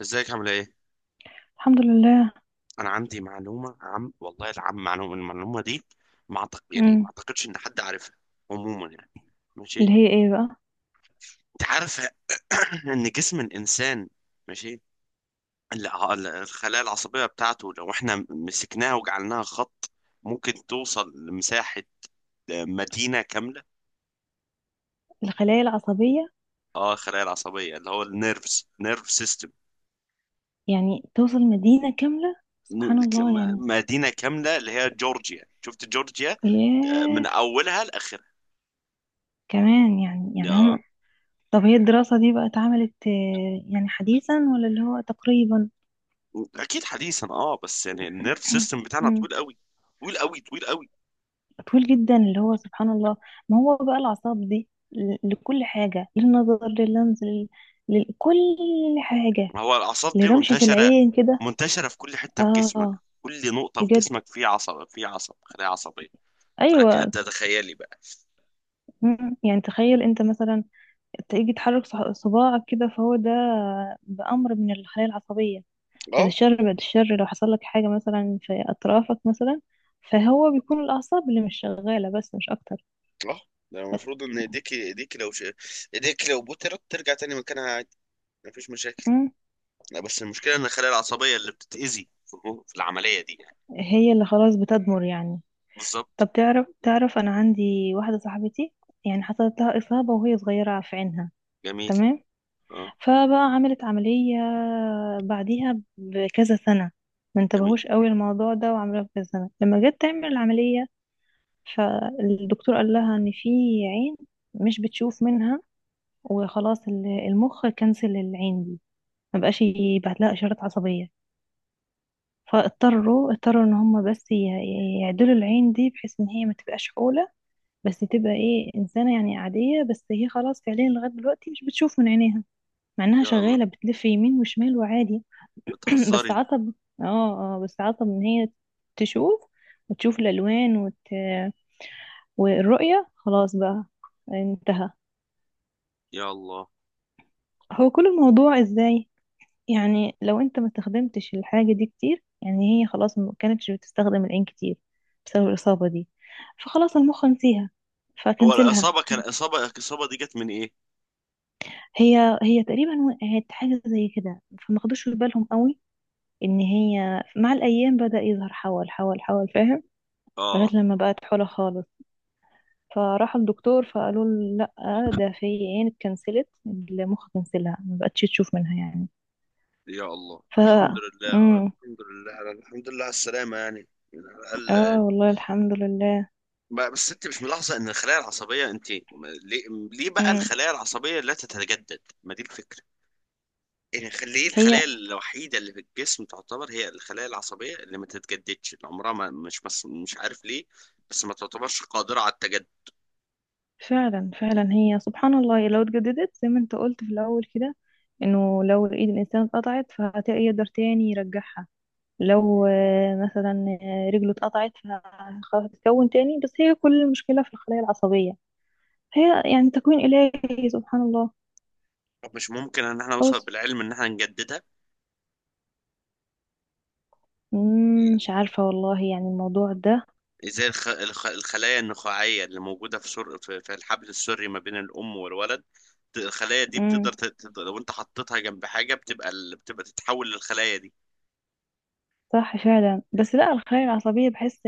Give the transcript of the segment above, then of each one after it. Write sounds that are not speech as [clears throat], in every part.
ازيك عامل ايه؟ الحمد لله. انا عندي معلومه عم والله العم معلومه المعلومه دي. ما أعتق... يعني ما امم. اعتقدش ان حد عارفها. عموما، يعني، ماشي. اللي هي ايه بقى؟ انت عارف [coughs] [clears throat] ان جسم الانسان، ماشي، الخلايا العصبيه بتاعته، لو احنا مسكناها وجعلناها خط، ممكن توصل لمساحه مدينه كامله. الخلايا العصبية. اه، الخلايا العصبيه اللي هو نيرف سيستم. يعني توصل مدينة كاملة. سبحان الله يعني. مدينه كامله، اللي هي جورجيا، شفت جورجيا، ياه. من اولها لاخرها. كمان يعني هم. آه. طب هي الدراسة دي بقى اتعملت يعني حديثا ولا اللي هو تقريبا؟ اكيد حديثا، بس يعني النيرف [clears throat] سيستم بتاعنا أمم، طويل قوي، طويل قوي، طويل قوي. طويل جدا اللي هو سبحان الله. ما هو بقى الأعصاب دي لكل حاجة، للنظر، لللمس، لل... لكل حاجة، ما هو الاعصاب دي لرمشة منتشره، العين كده. منتشره في كل حته في جسمك، اه، كل نقطه في بجد. جسمك في عصب، خلايا عصبيه. فلك ان ايوه. تتخيلي بقى. أمم، يعني تخيل انت مثلا تيجي تحرك صباعك كده فهو ده بأمر من الخلايا العصبية. بعد اه، الشر بعد الشر، لو حصل لك حاجة مثلا في أطرافك مثلا، فهو بيكون الأعصاب اللي مش شغالة بس، مش أكتر. اه. ده المفروض ان ايديك لو بترت ترجع تاني مكانها، عادي، مفيش مشاكل. مم. لا، بس المشكله ان الخلايا العصبيه اللي بتتاذي في العمليه دي، يعني. هي اللي خلاص بتدمر يعني. بالظبط، بالظبط. طب تعرف أنا عندي واحدة صاحبتي، يعني حصلت لها إصابة وهي صغيرة في عينها. جميل. تمام. اه. فبقى عملت عملية بعديها بكذا سنة، ما جميل. انتبهوش قوي الموضوع ده وعملوها بكذا سنة لما جت تعمل العملية. فالدكتور قال لها ان في عين مش بتشوف منها، وخلاص المخ كنسل العين دي، ما بقاش يبعت لها اشارات عصبيه. فاضطروا ان هم بس يعدلوا العين دي بحيث ان هي ما تبقاش حوله، بس تبقى ايه، انسانه يعني عاديه، بس هي خلاص فعليا لغايه دلوقتي مش بتشوف من عينيها، مع انها يا الله، شغاله بتلف يمين وشمال وعادي. [clears throat] بس بتهزري؟ عصب. اه. اه بس عصب ان هي تشوف، وتشوف الالوان وت... والرؤيه خلاص بقى، انتهى. يا الله. هو كل الموضوع ازاي؟ يعني لو انت ما استخدمتش الحاجة دي كتير، يعني هي خلاص ما كانتش بتستخدم العين كتير بسبب الإصابة دي، فخلاص المخ نسيها هو فكنسلها. الإصابة كان إصابة الإصابة دي جت من إيه؟ هي تقريبا وقعت حاجة زي كده، فما خدوش في بالهم قوي، ان هي مع الأيام بدأ يظهر حول حول حول، فاهم؟ لغاية آه. لما بقت حولة خالص، فراحوا الدكتور فقالوا له لا، ده في عين اتكنسلت، المخ كنسلها ما بقتش تشوف منها يعني. يا الله، ف... الحمد لله، امم الحمد لله على السلامة، يعني على اه، الأقل. والله الحمد لله. بس أنت مش ملاحظة إن الخلايا العصبية، أنت ما- ليه بقى امم الخلايا العصبية لا تتجدد؟ ما دي الفكرة. يعني ليه هي الخلايا الوحيدة اللي في الجسم تعتبر هي الخلايا العصبية اللي ما تتجددش، اللي عمرها ما مش عارف ليه. بس ما تعتبرش قادرة على التجدد. فعلا فعلا، هي سبحان الله، لو اتجددت زي ما انت قلت في الاول كده، انه لو ايد الانسان اتقطعت فهيقدر تاني يرجعها، لو مثلا رجله اتقطعت فهتتكون تاني، بس هي كل المشكلة في الخلايا العصبية. هي يعني تكوين إلهي سبحان الله. طب مش ممكن إن احنا نوصل بص، بالعلم إن احنا نجددها؟ مش عارفة والله يعني الموضوع زي الخلايا النخاعية اللي موجودة في سر... في في الحبل السري ما بين الأم والولد. الخلايا دي ده. بتقدر لو أنت حطيتها جنب حاجة بتبقى بتبقى تتحول للخلايا دي. صح فعلا، بس لا الخلايا العصبية بحس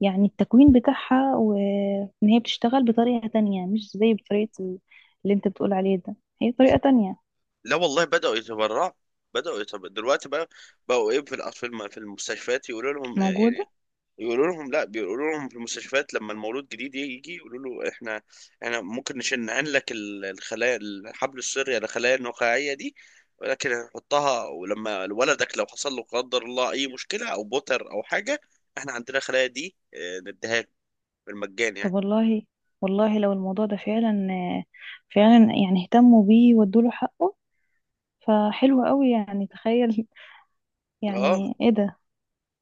يعني التكوين بتاعها، وإن هي بتشتغل بطريقة تانية مش زي بطريقة اللي انت بتقول عليه ده. هي طريقة تانية لا، والله، بدأوا يتبرعوا، بدأوا يتبرعوا دلوقتي بقى. بقوا إيه في الأطفال في في المستشفيات يقولوا لهم إيه، موجودة. يعني، يقولوا لهم، لا، بيقولوا لهم في المستشفيات لما المولود جديد يجي، يقولوا له احنا، ممكن نشنعن لك الخلايا الحبل السري، الخلايا النخاعيه دي، ولكن هنحطها، ولما ولدك لو حصل له قدر الله اي مشكله او بوتر او حاجه، احنا عندنا الخلايا دي، نديها لك، بالمجان طب يعني. والله، والله لو الموضوع ده فعلا فعلا يعني اهتموا بيه وادوله حقه، فحلو قوي يعني. تخيل. [laughs] اه، يعني ايه ده.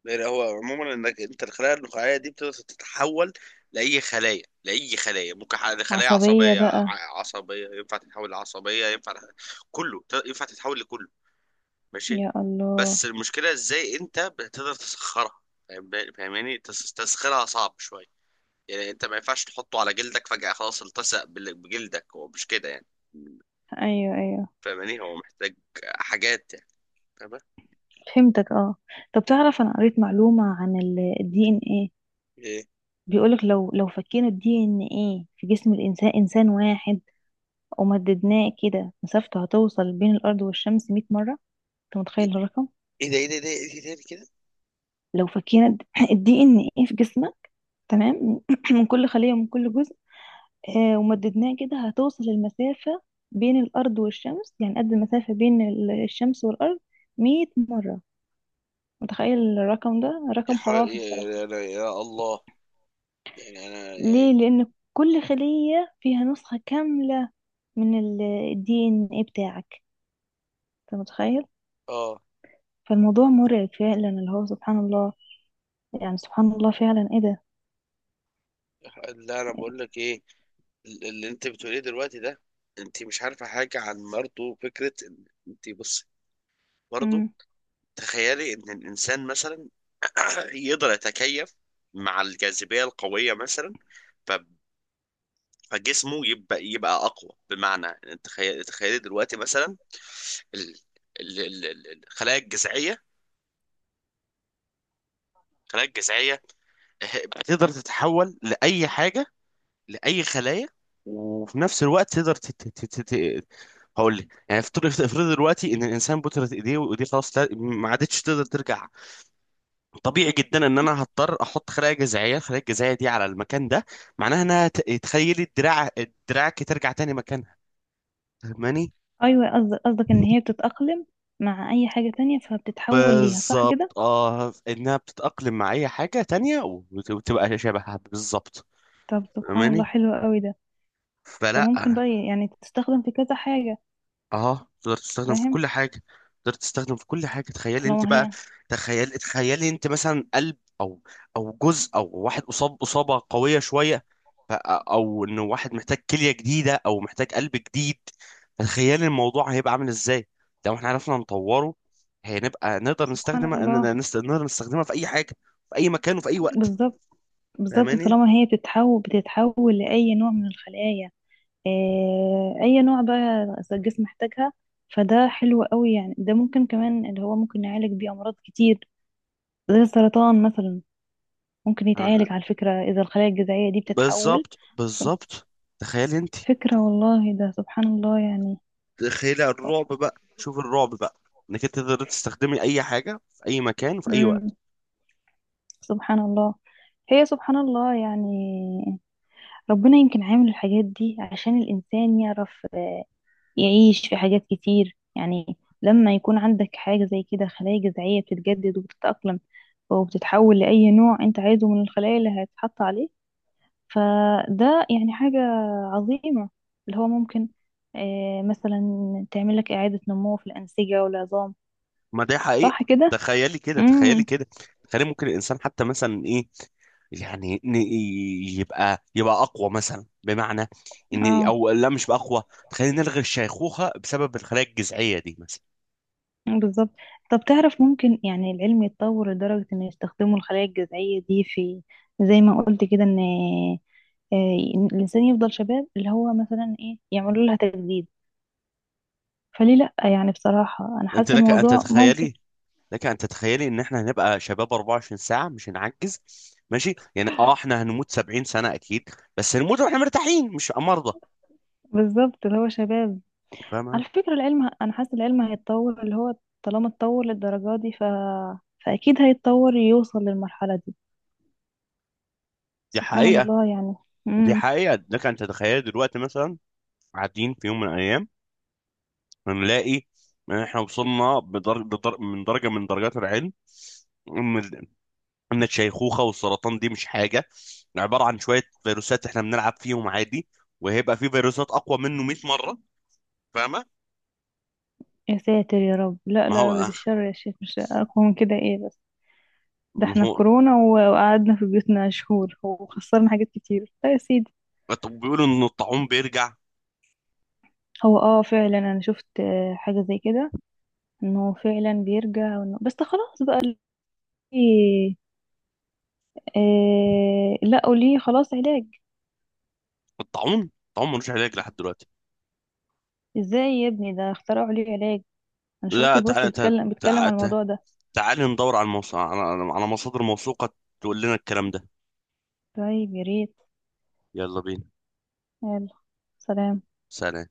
يعني هو عموما انك انت الخلايا النخاعيه دي بتقدر تتحول لاي خلايا، لاي خلايا، ممكن خلايا عصبية عصبيه، بقى. عصبيه ينفع، تتحول لعصبيه ينفع، كله، ينفع تتحول لكله. ماشي. يا الله. بس المشكلة ازاي انت بتقدر تسخرها، فاهم- فاهماني؟ تسخيرها صعب شوية. يعني انت ما ينفعش تحطه على جلدك فجأة خلاص التصق بجلدك، هو مش كده يعني. ايوه ايوه، فاهماني؟ هو محتاج حاجات يعني، فاهمة. فهمتك اه. طب تعرف انا قريت معلومة عن الدي ان، ايه بيقولك لو فكينا الدي ان ايه في جسم الانسان، انسان واحد، ومددناه كده مسافته هتوصل بين الارض والشمس 100 مره. انت متخيل ايه الرقم؟ ايه ده، ايه ده، ايه ده، ايه ده، إيه ده كده! لو فكينا الدي [laughs] ان ايه [clears throat] في جسمك، تمام، [clears throat] من كل خليه ومن كل جزء، ومددناه كده هتوصل المسافه بين الارض والشمس، يعني قد المسافه بين الشمس والارض 100 مره. متخيل الرقم ده؟ يا, رقم ح... يا, خرافي بصراحه. يا, يا يا الله. يعني انا، يعني، ليه؟ لان كل خليه فيها نسخه كامله من الدي ان ايه بتاعك، انت متخيل؟ اه فالموضوع مرعب فعلا اللي هو سبحان الله، يعني سبحان الله فعلا ايه ده. لا، انا بقول لك ايه. اللي انت بتقوليه دلوقتي ده، انت مش عارفه حاجه عن، برضه فكره ان انت، بص، برضه امم، تخيلي ان الانسان مثلا [clears throat] يقدر يتكيف مع الجاذبية القوية مثلا، ف- فجسمه يبقى أقوى. بمعنى، أنت تخيل، تخيل دلوقتي مثلا ال- الخلايا الجذعية، الخلايا الجذعية، بتقدر تتحول لأي حاجة، لأي خلايا. وفي نفس الوقت تقدر هقول لك يعني، افترض، افترض دلوقتي ان الانسان بترت ايديه، وايديه خلاص، ما عادتش تقدر ترجع. طبيعي جدا ان انا هضطر احط خلايا جذعيه، الخلايا الجذعيه دي على المكان ده، معناها انها تخيلي دراعك ترجع تاني مكانها. فاهماني؟ ايوه، قصدك ان هي بتتأقلم مع اي حاجة تانية فبتتحول ليها، صح كده؟ بالظبط، اه، انها بتتاقلم مع اي حاجه تانية، وتبقى شبهها بالظبط. طب سبحان الله، فاهماني؟ حلو قوي ده. طب فلا، ممكن بقى يعني تستخدم في كذا حاجة. اه، تقدر تستخدم في فاهم. كل حاجه، تقدر تستخدم في كل حاجه. تخيلي انت طالما بقى، هي تخيلي انت مثلا قلب، او جزء، او واحد اصاب اصابه قويه شويه، او انه واحد محتاج كليه جديده او محتاج قلب جديد. تخيلي الموضوع هيبقى عامل ازاي لو احنا عرفنا نطوره. هنبقى نقدر سبحان نستخدمها، اننا الله. نقدر نستخدمها في اي حاجه، في اي مكان وفي اي وقت. بالظبط بالظبط، فاهماني؟ طالما هي بتتحول لأي نوع من الخلايا. أي نوع بقى الجسم محتاجها، فده حلو قوي يعني. ده ممكن كمان اللي هو ممكن نعالج بيه أمراض كتير زي السرطان مثلا، ممكن أنا- يتعالج على فكرة، إذا الخلايا الجذعية دي بتتحول. بالظبط، ف... بالظبط. تخيلي انت، فكرة، والله ده سبحان الله يعني. خيلة الرعب بقى، شوف الرعب بقى، انك انت تقدر تستخدمي اي حاجة في اي مكان في اي مم. وقت. سبحان الله. هي سبحان الله يعني، ربنا يمكن عامل الحاجات دي عشان الإنسان يعرف يعيش في حاجات كتير، يعني لما يكون عندك حاجة زي كده، خلايا جذعية بتتجدد وبتتأقلم وبتتحول لأي نوع أنت عايزه من الخلايا اللي هيتحط عليه، فده يعني حاجة عظيمة، اللي هو ممكن مثلا تعمل لك إعادة نمو في الأنسجة والعظام. ما ده حقيقة. صح كده؟ تخيلي كده، تخيلي امم، كده. تخيلي ممكن الانسان حتى مثلا ايه، يعني إن يبقى اقوى مثلا، بمعنى ان، اه، او لا، مش بقى اقوى. تخيلي نلغي الشيخوخة بسبب الخلايا الجذعية دي مثلا. بالظبط. طب تعرف ممكن يعني العلم يتطور لدرجة إنه يستخدموا الخلايا الجذعية دي في، زي ما قلت كده، إن آه، إن الإنسان يفضل شباب، اللي هو مثلا إيه يعملوا لها تجديد. فليه لأ؟ يعني بصراحة أنا انت حاسة لك ان الموضوع ممكن. تتخيلي، لك ان تتخيلي ان احنا هنبقى شباب 24 ساعة، مش هنعجز. ماشي يعني، احنا هنموت 70 سنة اكيد، بس هنموت واحنا مرتاحين مش مرضى. بالظبط، اللي هو شباب. فاهمة؟ على فكرة، العلم أنا حاسة العلم هيتطور اللي هو، طالما اتطور للدرجة دي ف... فأكيد هيتطور يوصل للمرحلة دي. دي سبحان حقيقة. الله يعني. دي امم حقيقة. لك أن تتخيل دلوقتي مثلا، قاعدين في يوم من الأيام هنلاقي إن إحنا وصلنا من درجة، من درجات العلم، إن ال- إن الشيخوخة والسرطان دي مش حاجة، عبارة عن شوية فيروسات إحنا بنلعب فيهم عادي، وهيبقى في فيروسات أقوى منه 100 مرة. فاهمة؟ يا ساتر يا رب، لا ما لا، هو، أبد الشر يا شيخ، مش أقوى من كده إيه بس. ده ما احنا هو، كورونا وقعدنا في بيوتنا شهور وخسرنا حاجات كتير، لا يا سيدي. طب بيقولوا إن الطاعون بيرجع. هو فعلا أنا شفت حاجة زي كده، انه فعلا بيرجع وإنه... بس ده خلاص بقى. ليه؟ لقوا ليه خلاص علاج. الطاعون ملوش علاج لحد دلوقتي. ازاي يا ابني ده اخترعوا ليه علاج؟ انا شفت لا، بوست تعالى، تعالى، بتكلم على تعالى، الموضوع ده. تعالى ندور على على مصادر موثوقة تقول لنا الكلام ده. طيب يا ريت. يلا بينا. يلا. سلام. سلام.